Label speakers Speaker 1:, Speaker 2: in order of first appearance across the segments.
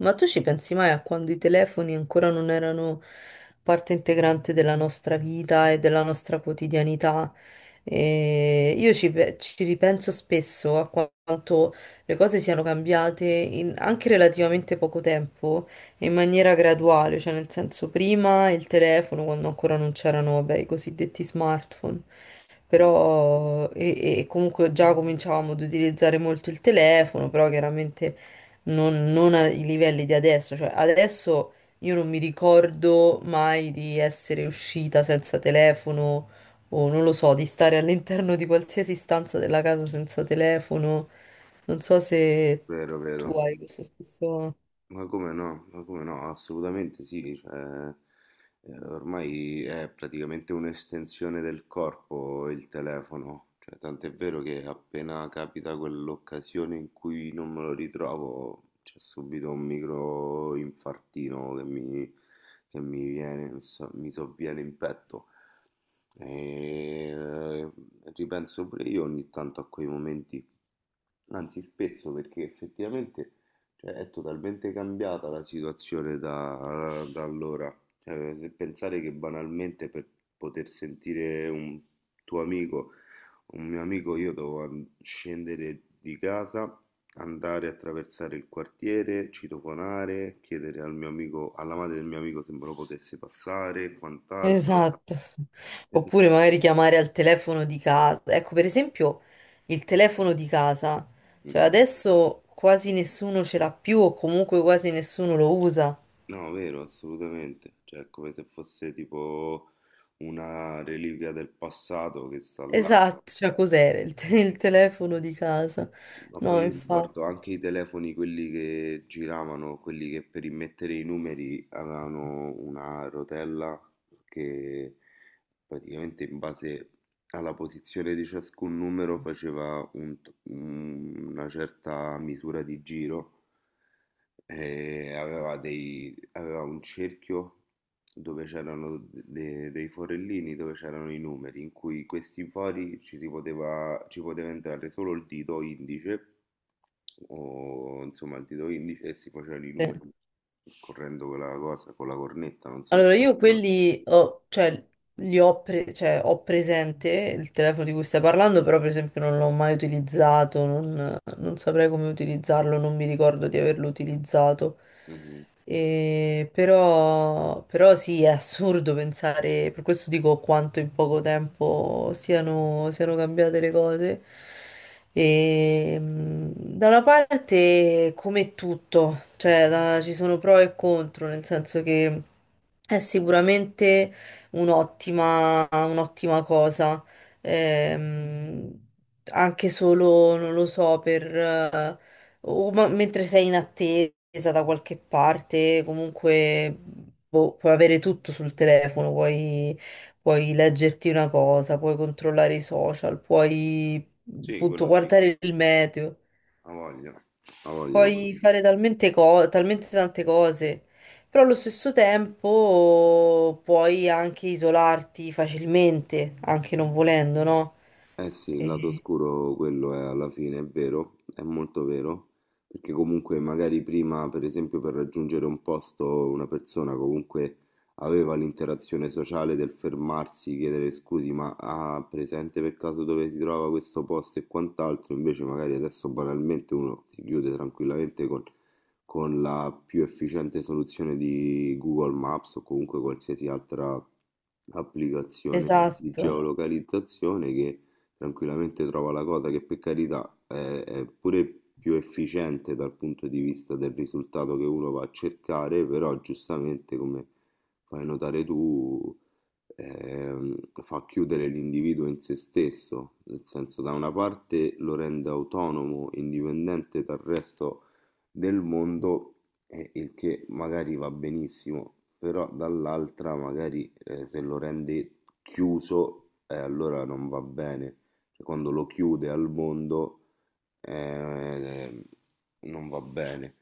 Speaker 1: Ma tu ci pensi mai a quando i telefoni ancora non erano parte integrante della nostra vita e della nostra quotidianità? E io ci ripenso spesso a quanto le cose siano cambiate in anche relativamente poco tempo e in maniera graduale, cioè nel senso prima il telefono, quando ancora non c'erano, vabbè, i cosiddetti smartphone
Speaker 2: Mm.
Speaker 1: però e comunque già cominciavamo ad utilizzare molto il telefono, però chiaramente non ai livelli di adesso, cioè adesso io non mi ricordo mai di essere uscita senza telefono o non lo so, di stare all'interno di qualsiasi stanza della casa senza telefono. Non so se
Speaker 2: Vero,
Speaker 1: tu
Speaker 2: vero,
Speaker 1: hai questo stesso...
Speaker 2: ma come no, assolutamente sì, cioè, ormai è praticamente un'estensione del corpo, il telefono. Cioè, tant'è vero che appena capita quell'occasione in cui non me lo ritrovo, c'è subito un micro infartino che mi viene, mi sovviene in petto. E ripenso pure io ogni tanto a quei momenti. Anzi, spesso, perché effettivamente, cioè, è totalmente cambiata la situazione da allora. Cioè, se pensare che banalmente per poter sentire un tuo amico, un mio amico, io dovevo scendere di casa, andare a attraversare il quartiere, citofonare, chiedere al mio amico, alla madre del mio amico se me lo potesse passare, quant'altro.
Speaker 1: Esatto. Oppure magari chiamare al telefono di casa. Ecco, per esempio, il telefono di casa. Cioè adesso quasi nessuno ce l'ha più o comunque quasi nessuno lo usa.
Speaker 2: No, vero, assolutamente. Cioè, è come se fosse tipo una reliquia del passato che sta là.
Speaker 1: Esatto, cioè cos'era il telefono di casa?
Speaker 2: Ma
Speaker 1: No,
Speaker 2: poi io
Speaker 1: infatti.
Speaker 2: ricordo anche i telefoni, quelli che giravano, quelli che per immettere i numeri avevano una rotella che praticamente, in base alla posizione di ciascun numero, faceva una certa misura di giro e aveva un cerchio dove c'erano dei forellini, dove c'erano i numeri, in cui questi fori ci poteva entrare solo il dito indice, o insomma il dito indice, e si facevano i numeri scorrendo quella cosa con la cornetta, non so
Speaker 1: Allora io
Speaker 2: se...
Speaker 1: quelli ho, cioè, li ho, cioè, ho presente il telefono di cui stai parlando, però per esempio non l'ho mai utilizzato, non... non saprei come utilizzarlo, non mi ricordo di averlo utilizzato.
Speaker 2: Mhm.
Speaker 1: E però sì, è assurdo pensare, per questo dico quanto in poco tempo siano cambiate le cose. E, da una parte, come tutto, ci sono pro e contro, nel senso che è sicuramente un'ottima cosa ehm, anche solo, non lo so, o mentre sei in attesa da qualche parte, comunque boh, puoi avere tutto sul telefono, puoi, puoi leggerti una cosa, puoi controllare i social, puoi
Speaker 2: Sì,
Speaker 1: appunto
Speaker 2: quello sì,
Speaker 1: guardare il meteo,
Speaker 2: ha voglia, ha voglia.
Speaker 1: puoi fare talmente tante cose. Però allo stesso tempo puoi anche isolarti facilmente, anche non volendo, no?
Speaker 2: Eh sì, il lato oscuro, quello è, alla fine, è vero, è molto vero, perché comunque magari prima, per esempio, per raggiungere un posto, una persona comunque aveva l'interazione sociale del fermarsi, chiedere scusi, ma ha presente per caso dove si trova questo posto e quant'altro, invece magari adesso banalmente uno si chiude tranquillamente con la più efficiente soluzione di Google Maps, o comunque qualsiasi altra applicazione di
Speaker 1: Esatto.
Speaker 2: geolocalizzazione, che tranquillamente trova la cosa, che per carità è pure più efficiente dal punto di vista del risultato che uno va a cercare. Però giustamente, come fai notare tu, fa chiudere l'individuo in se stesso, nel senso, da una parte lo rende autonomo, indipendente dal resto del mondo, il che magari va benissimo, però dall'altra magari se lo rende chiuso, allora non va bene. Cioè, quando lo chiude al mondo, eh, non va bene.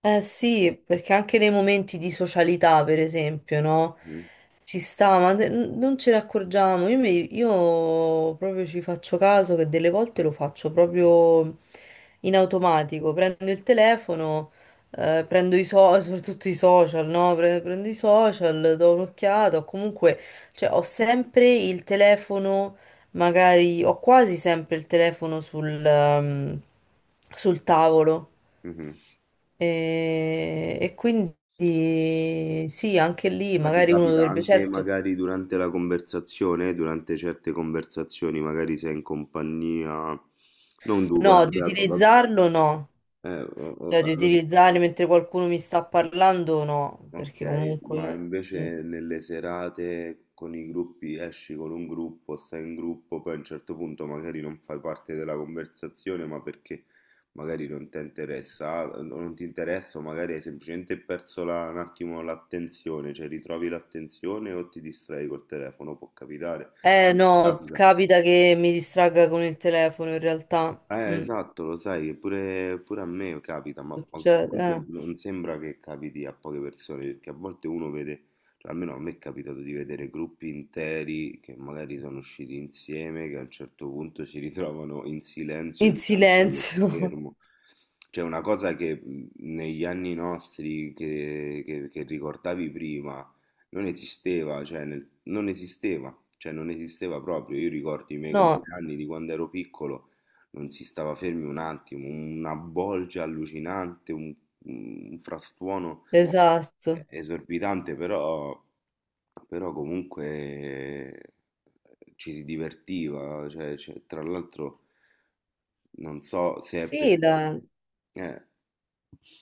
Speaker 1: Eh sì, perché anche nei momenti di socialità, per esempio, no?
Speaker 2: Mhm,
Speaker 1: Ci sta, ma non ce ne accorgiamo. Io proprio ci faccio caso che delle volte lo faccio proprio in automatico. Prendo il telefono, prendo i social, soprattutto i social, no? Prendo i social, do un'occhiata, o comunque, cioè, ho sempre il telefono magari ho quasi sempre il telefono sul tavolo.
Speaker 2: mhm.
Speaker 1: E quindi sì, anche lì
Speaker 2: Ma ti
Speaker 1: magari uno
Speaker 2: capita
Speaker 1: dovrebbe,
Speaker 2: anche
Speaker 1: certo,
Speaker 2: magari durante la conversazione, durante certe conversazioni, magari sei in compagnia, non tu,
Speaker 1: no,
Speaker 2: durante
Speaker 1: di
Speaker 2: la... va-
Speaker 1: utilizzarlo no,
Speaker 2: o-
Speaker 1: cioè di
Speaker 2: allora-
Speaker 1: utilizzare mentre qualcuno mi sta parlando no, perché
Speaker 2: Ok, ma
Speaker 1: comunque... mm.
Speaker 2: invece nelle serate con i gruppi, esci con un gruppo, stai in gruppo, poi a un certo punto magari non fai parte della conversazione, ma perché magari non ti interessa, o non ti interessa, o magari hai semplicemente perso un attimo l'attenzione, cioè ritrovi l'attenzione o ti distrai col telefono, può capitare.
Speaker 1: Eh no,
Speaker 2: Capita.
Speaker 1: capita che mi distragga con il telefono in realtà. Mm,
Speaker 2: Esatto, lo sai, che pure, pure a me capita, ma
Speaker 1: succede,
Speaker 2: comunque
Speaker 1: eh.
Speaker 2: non sembra che capiti a poche persone, perché a volte uno vede, cioè almeno a me è capitato di vedere gruppi interi che magari sono usciti insieme, che a un certo punto si ritrovano in silenzio
Speaker 1: In
Speaker 2: dinanzi allo
Speaker 1: silenzio,
Speaker 2: schermo. Cioè una cosa che negli anni nostri che ricordavi prima non esisteva, cioè non esisteva, cioè non esisteva proprio. Io ricordo i miei
Speaker 1: no,
Speaker 2: compleanni di quando ero piccolo, non si stava fermi un attimo, una bolgia allucinante, un frastuono
Speaker 1: esatto.
Speaker 2: esorbitante. Però, però comunque ci si divertiva, cioè, cioè, tra l'altro non so se è
Speaker 1: Sì,
Speaker 2: perché...
Speaker 1: la-
Speaker 2: Eh,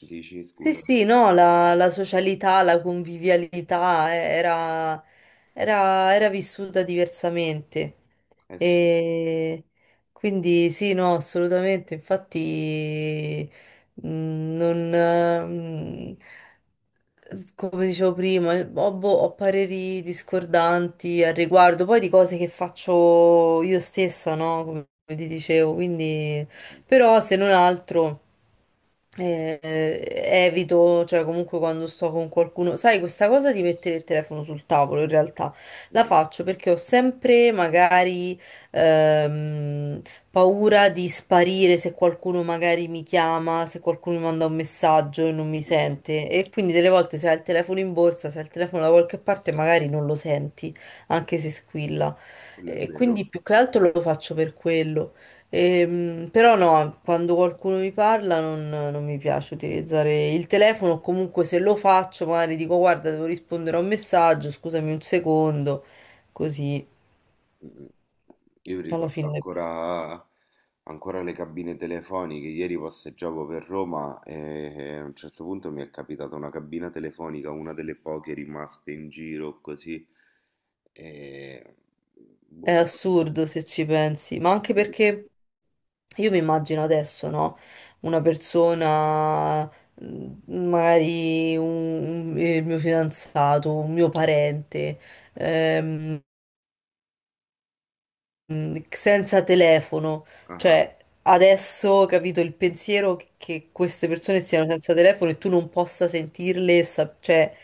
Speaker 2: dici
Speaker 1: Sì,
Speaker 2: scusa?
Speaker 1: sì, no, la socialità, la convivialità era vissuta diversamente.
Speaker 2: Eh sì,
Speaker 1: E quindi sì, no, assolutamente. Infatti, non, come dicevo prima, boh, ho pareri discordanti al riguardo, poi di cose che faccio io stessa, no? Come ti dicevo, quindi, però se non altro. Evito, cioè comunque quando sto con qualcuno, sai, questa cosa di mettere il telefono sul tavolo in realtà la
Speaker 2: mhm,
Speaker 1: faccio perché ho sempre magari ehm, paura di sparire se qualcuno magari mi chiama, se qualcuno mi manda un messaggio e non mi
Speaker 2: mhm,
Speaker 1: sente e quindi delle volte se hai il telefono in borsa, se hai il telefono da qualche parte magari non lo senti, anche se squilla.
Speaker 2: quello è
Speaker 1: E
Speaker 2: vero.
Speaker 1: quindi più che altro lo faccio per quello. Però no, quando qualcuno mi parla non mi piace utilizzare il telefono, o comunque se lo faccio magari dico guarda devo rispondere a un messaggio, scusami un secondo, così
Speaker 2: Mh-mh. Io mi
Speaker 1: alla
Speaker 2: ricordo
Speaker 1: fine
Speaker 2: ancora le cabine telefoniche. Ieri passeggiavo per Roma e a un certo punto mi è capitata una cabina telefonica, una delle poche rimaste in giro, così, ehm,
Speaker 1: è
Speaker 2: boh.
Speaker 1: assurdo se ci pensi, ma anche perché io mi immagino adesso, no? Una persona, mm, magari il mio fidanzato, un mio parente ehm, senza telefono.
Speaker 2: Ah-ah.
Speaker 1: Cioè, adesso capito il pensiero che queste persone siano senza telefono e tu non possa sentirle, cioè,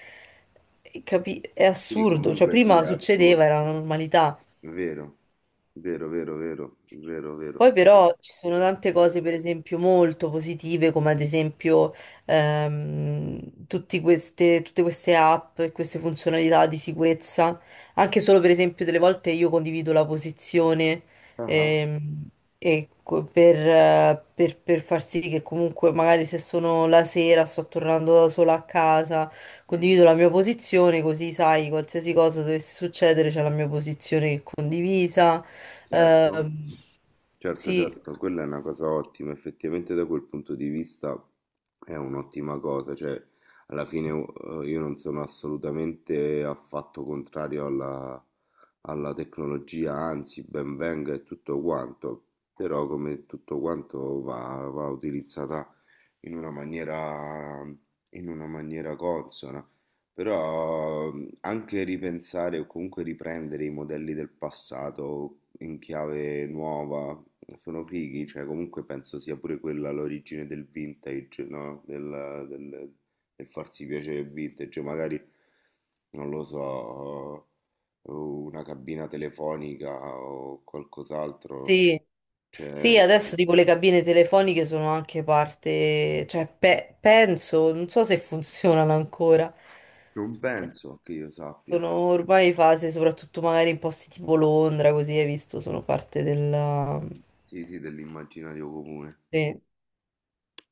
Speaker 1: è
Speaker 2: Quindi
Speaker 1: assurdo. Cioè,
Speaker 2: comunque sì,
Speaker 1: prima
Speaker 2: è
Speaker 1: succedeva,
Speaker 2: assurdo.
Speaker 1: era una normalità.
Speaker 2: Vero. Vero, vero, vero, vero, vero.
Speaker 1: Poi però ci sono tante cose, per esempio, molto positive, come ad esempio tutte queste app e queste funzionalità di sicurezza. Anche solo, per esempio, delle volte io condivido la posizione
Speaker 2: Ah-ah.
Speaker 1: ehm, per far sì che comunque magari se sono la sera, sto tornando da sola a casa,
Speaker 2: Mh.
Speaker 1: condivido la mia posizione, così sai, qualsiasi cosa dovesse succedere, c'è la mia posizione che è condivisa.
Speaker 2: Certo,
Speaker 1: Ehm,
Speaker 2: certo,
Speaker 1: sì,
Speaker 2: certo, quella è una cosa ottima, effettivamente da quel punto di vista è un'ottima cosa. Cioè alla fine io non sono assolutamente affatto contrario alla tecnologia, anzi ben venga e tutto quanto, però come tutto quanto, va, va utilizzata in una maniera, in una maniera consona. Però anche ripensare o comunque riprendere i modelli del passato in chiave nuova sono fighi, cioè comunque penso sia pure quella l'origine del vintage, no? Del farsi piacere il vintage, magari non lo so, una cabina telefonica o qualcos'altro,
Speaker 1: sì,
Speaker 2: cioè
Speaker 1: sì, adesso tipo le cabine telefoniche sono anche parte, penso, non so se funzionano ancora.
Speaker 2: non
Speaker 1: Eh,
Speaker 2: penso che io sappia.
Speaker 1: Sono ormai fase, soprattutto magari in posti tipo Londra, così hai visto, sono parte della...
Speaker 2: Sì, sì, dell'immaginario comune.
Speaker 1: sì.